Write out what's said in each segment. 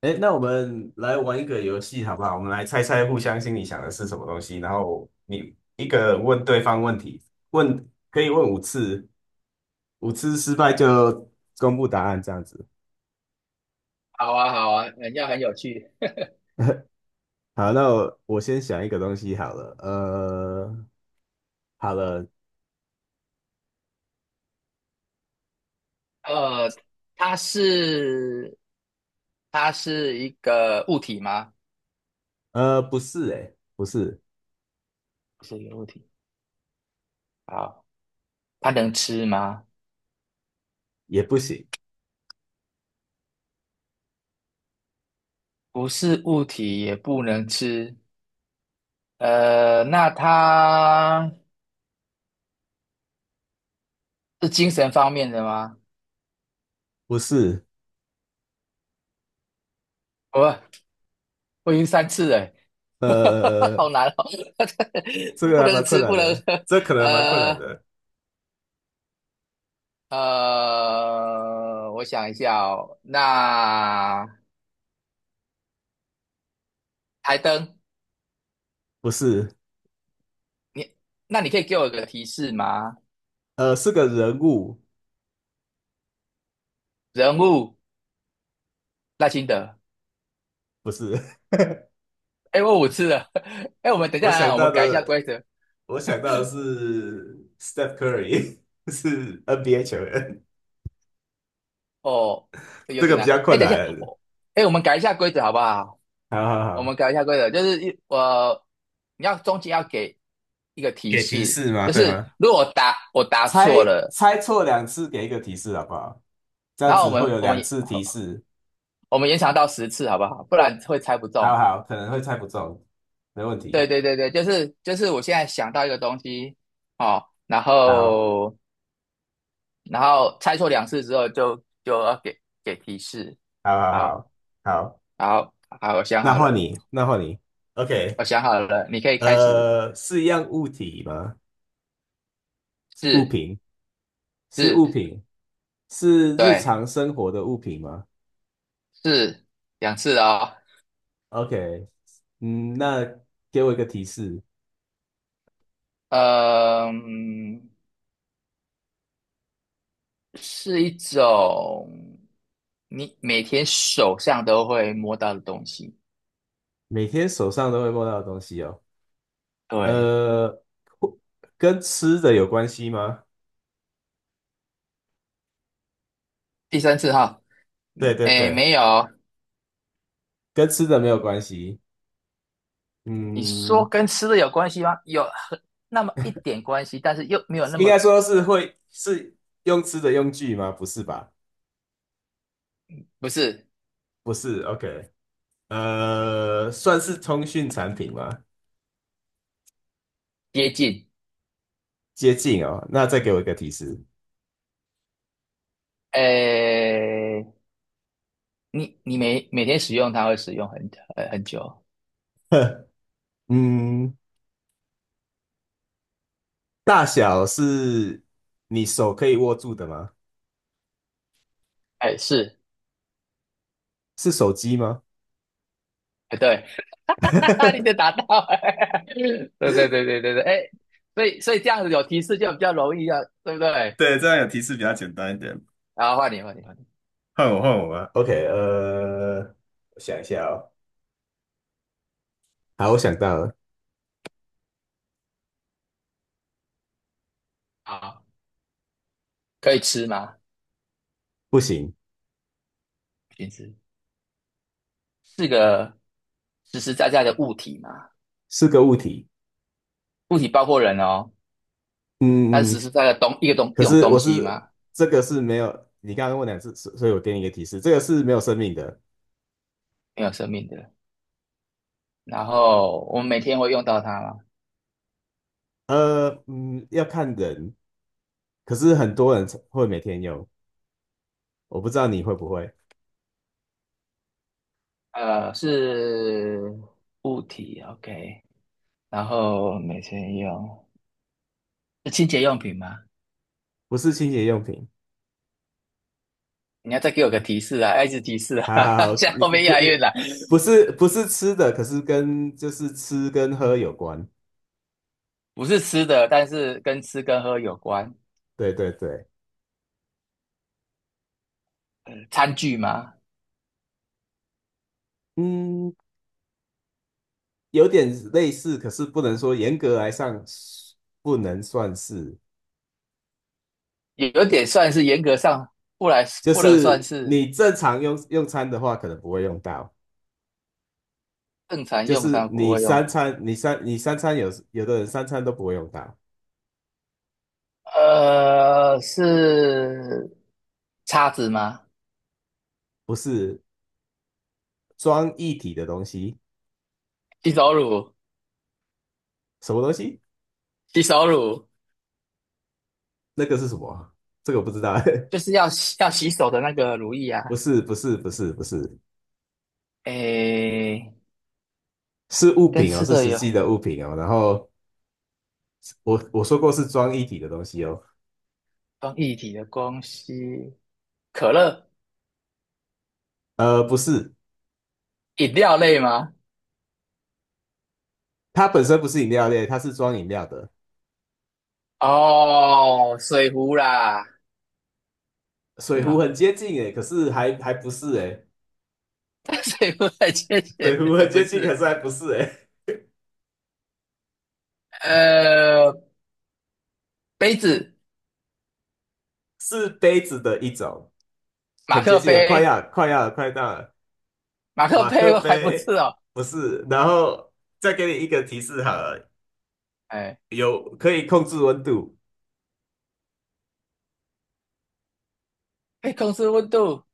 哎，那我们来玩一个游戏好不好？我们来猜猜互相心里想的是什么东西，然后你一个人问对方问题，问可以问五次，五次失败就公布答案这样子。好啊，好啊，人家很有趣。好，那我先想一个东西好了，好了，呃，它是它是一个物体吗？不是、欸，哎，不是，不是一个物体。好，它能吃吗？也不行，不是物体，也不能吃。那它是精神方面的吗？不是，我我已经三次了欸。好呃，难哦，这 个不还蛮能困吃，难不能的，喝。这可能蛮困难呃的，我想一下哦，那台灯。不是，你那你可以给我一个提示吗？是个人物，人物赖清德，不是，哎，我五次了。哎，我们 等一我下想啊，我到们改一下的。规则我想到的是 Steph Curry，是 NBA 球员，哦。有这个点比难，较哎，困等一下，难。我，哎，我们改一下规则好不好？好好我们好，改一下规则，就是你要中间要给一个提给提示，示吗？就对是吗？如果我答猜错了，猜错两次，给一个提示好不好？这样然后子会有两次提示。我们延长到十次好不好？不然会猜不好中。好，可能会猜不中，没问题。对对对对，就是我现在想到一个东西哦，然好，后然后猜错两次之后就要给提示。好好好，好好，好，好，我想那好换了，你，那换你。OK，我想好了，你可以开始。是一样物体吗？物是，品，是是，物品，是日对，常生活的物品吗？是两次哦。OK，嗯，那给我一个提示，嗯，是一种你每天手上都会摸到的东西。每天手上都会摸到的东西哦，对，呃，或跟吃的有关系吗？第三次哈，对嗯，对诶，对，没有，跟吃的没有关系，你说嗯，跟吃的有关系吗？有很那么一点关系，但是又没有那应么，该说是会是用吃的用具吗？不是吧？不是，不是，OK，算是通讯产品吗？接近。接近哦，那再给我一个提示，诶，你每天使用它会使用很很久，嗯，大小是你手可以握住的吗？哎，是，是手机吗？哎，对。哈哈，你就达到了。对对对对对对，哎，所以这样子有提示就比较容易啊，对不对？对，这样有提示比较简单一点。然后换你换你换你。换我，换我吧。OK，我想一下哦。好，我想到了，好，可以吃吗？不行，不行吃，是个实实在在的物体嘛，是个物体。物体包括人哦，它是嗯实嗯，实在在的东一个东可一种是我东西是嘛，这个是没有，你刚刚问两次，所以我给你一个提示，这个是没有生命的。没有生命的，然后我们每天会用到它嘛。嗯，要看人，可是很多人会每天用，我不知道你会不会，呃，是物体，OK。然后每天用是清洁用品吗？不是清洁用品。你要再给我个提示啊，要一直提示好啊。好好，现在你后面不押韵了，不是不是吃的，可是跟就是吃跟喝有关。不是吃的，但是跟吃跟喝有关，对对对，餐具吗？嗯，有点类似，可是不能说严格来上不能算是，有有点算是严格上不来，就不能算是是，你正常用餐的话，可能不会用到，正常就用是餐不你会用。三餐，你三餐有有的人三餐都不会用到，呃，是叉子吗？不是装一体的东西，洗手乳，什么东西？洗手乳那个是什么啊，这个我不知道，就是要洗洗手的那个乳液啊。不是不是不是不是，诶，是物跟品哦，吃是的实际有的物品哦。然后我说过是装一体的东西哦，关一体的东西，可乐。不是，饮料类吗？它本身不是饮料类，它是装饮料的。哦，水壶啦。是水壶吗？很接近诶，可是还不是诶，水壶很浅水显壶的，很不接近，可是？是还不是诶，呃，杯子，是杯子的一种，马很接克近了，快杯。要了快要了快到了马克马克杯我还不是杯哦。不是，然后再给你一个提示好了，哎，有可以控制温度，哎，控制温度，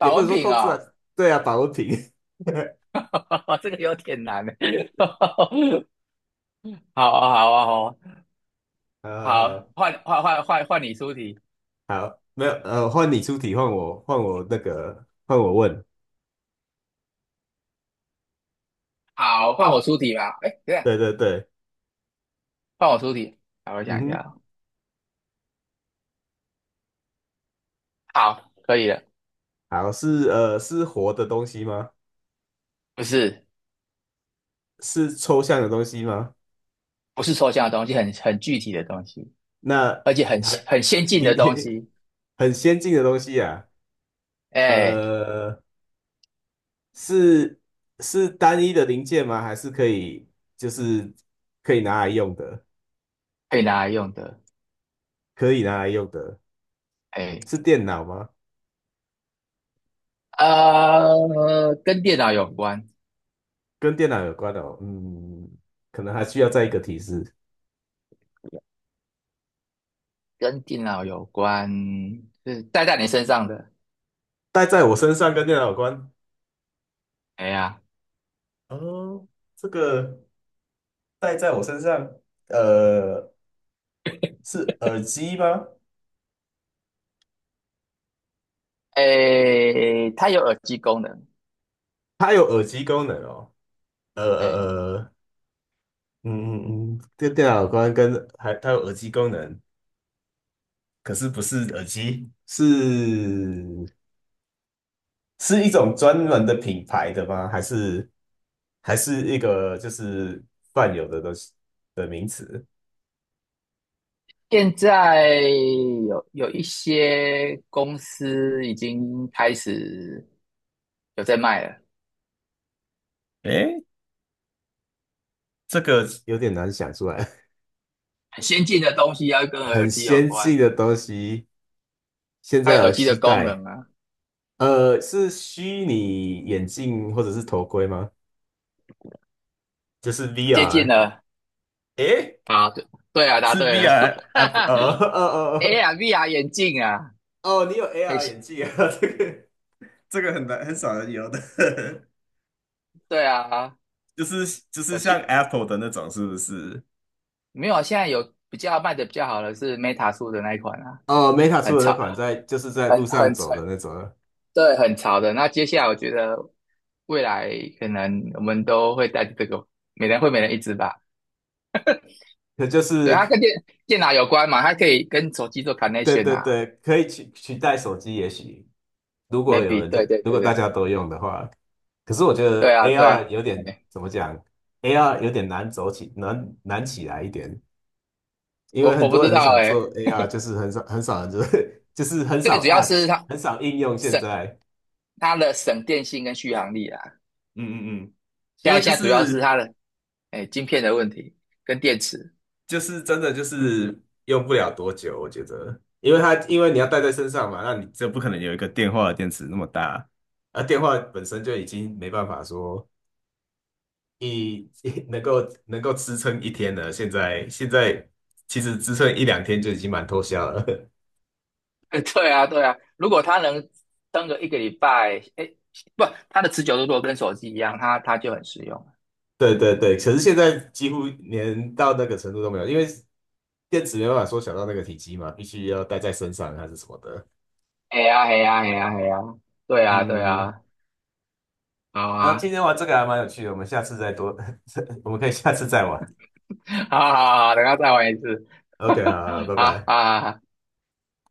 也不能温说瓶控制啊，哦。对啊，保温瓶，这个有点难欸。好啊，好啊，好啊，好，呃，换换换换换你出题。好，没有，换你出题，换我，换我那个，换我问，好，换我出题吧。哎，对啊，对对对，换我出题。好，我嗯想一下哼，哦。好，可以了。好，是是活的东西吗？不是，是抽象的东西吗？不是抽象的东西，很具体的东西。那而且还很先进的东提 西。很先进的东西啊，哎，呃，是是单一的零件吗？还是可以就是可以拿来用的？可以拿来用的。可以拿来用的哎，是电脑吗？呃，跟电脑有关，跟电脑有关的哦，嗯，可能还需要再一个提示。跟电脑有关，是戴在你身上的。戴在我身上跟电脑有关哎呀，哦，这个戴在我身上，呃，是耳机吗？哎，它有耳机功能。它有耳机功能哦，呃哎，呃呃嗯嗯嗯，这电脑光跟还它有耳机功能，可是不是耳机，是一种专门的品牌的吗？还是还是一个就是泛有的东西的名词？现在有有一些公司已经开始有在卖了，诶，这个有点难想出来，很先进的东西要跟 耳很机有先关进了，的东西，现它有在耳耳机的机功能待。啊。是虚拟眼镜或者是头盔吗？就是 接近 VR。了，诶啊，对，对啊，答是 对了。VR 啊哈不哦 哈。哦哦，AR、VR 眼镜啊，哦，你有 很 AR 新眼镜啊？这个这个很难很少人有的，对啊，就是有像 趣。Apple 的那种，是不是？没有啊？现在有比较卖的比较好的是 Meta 出的那一款啊，哦，Meta 出很的那潮，款在就是在路上很走潮，的那种啊，对，很潮的。那接下来我觉得未来可能我们都会带着这个，每人会每人一只吧。可就对，是它跟电脑有关嘛，它可以跟手机做 对 connection 对啊对，可以取代手机，也许如果有，maybe，人在，对对如果对大对，家都用的话，可是我觉对得 啊对 AR 啊，有点哎，怎么讲，AR 有点难走起，难起来一点，因为我很我不多知人很道想哎、做 AR，很少人就是 就是很最少 主要 apps，是它很少应用现省在。它的省电性跟续航力啊。嗯嗯嗯，因现在为就现在主要是是它的，哎，晶片的问题跟电池。就是真的就是用不了多久，我觉得，因为你要带在身上嘛，那你就不可能有一个电话的电池那么大，而电话本身就已经没办法说一 能够支撑1天了，现在其实支撑1两天就已经蛮脱销了。对啊，对啊，如果它能撑个一个礼拜，哎，不，它的持久度如果跟手机一样，它就很实用。对对对，可是现在几乎连到那个程度都没有，因为电池没办法缩小到那个体积嘛，必须要带在身上还是什么的。哎呀，哎呀，哎呀，哎呀，对啊，对嗯，嗯嗯啊，好啊，啊。今 天玩这个还蛮有趣的，我们下次再多，我们可以下次再玩。好好好，等下再玩一次。OK，好好，拜哈拜。哈。好，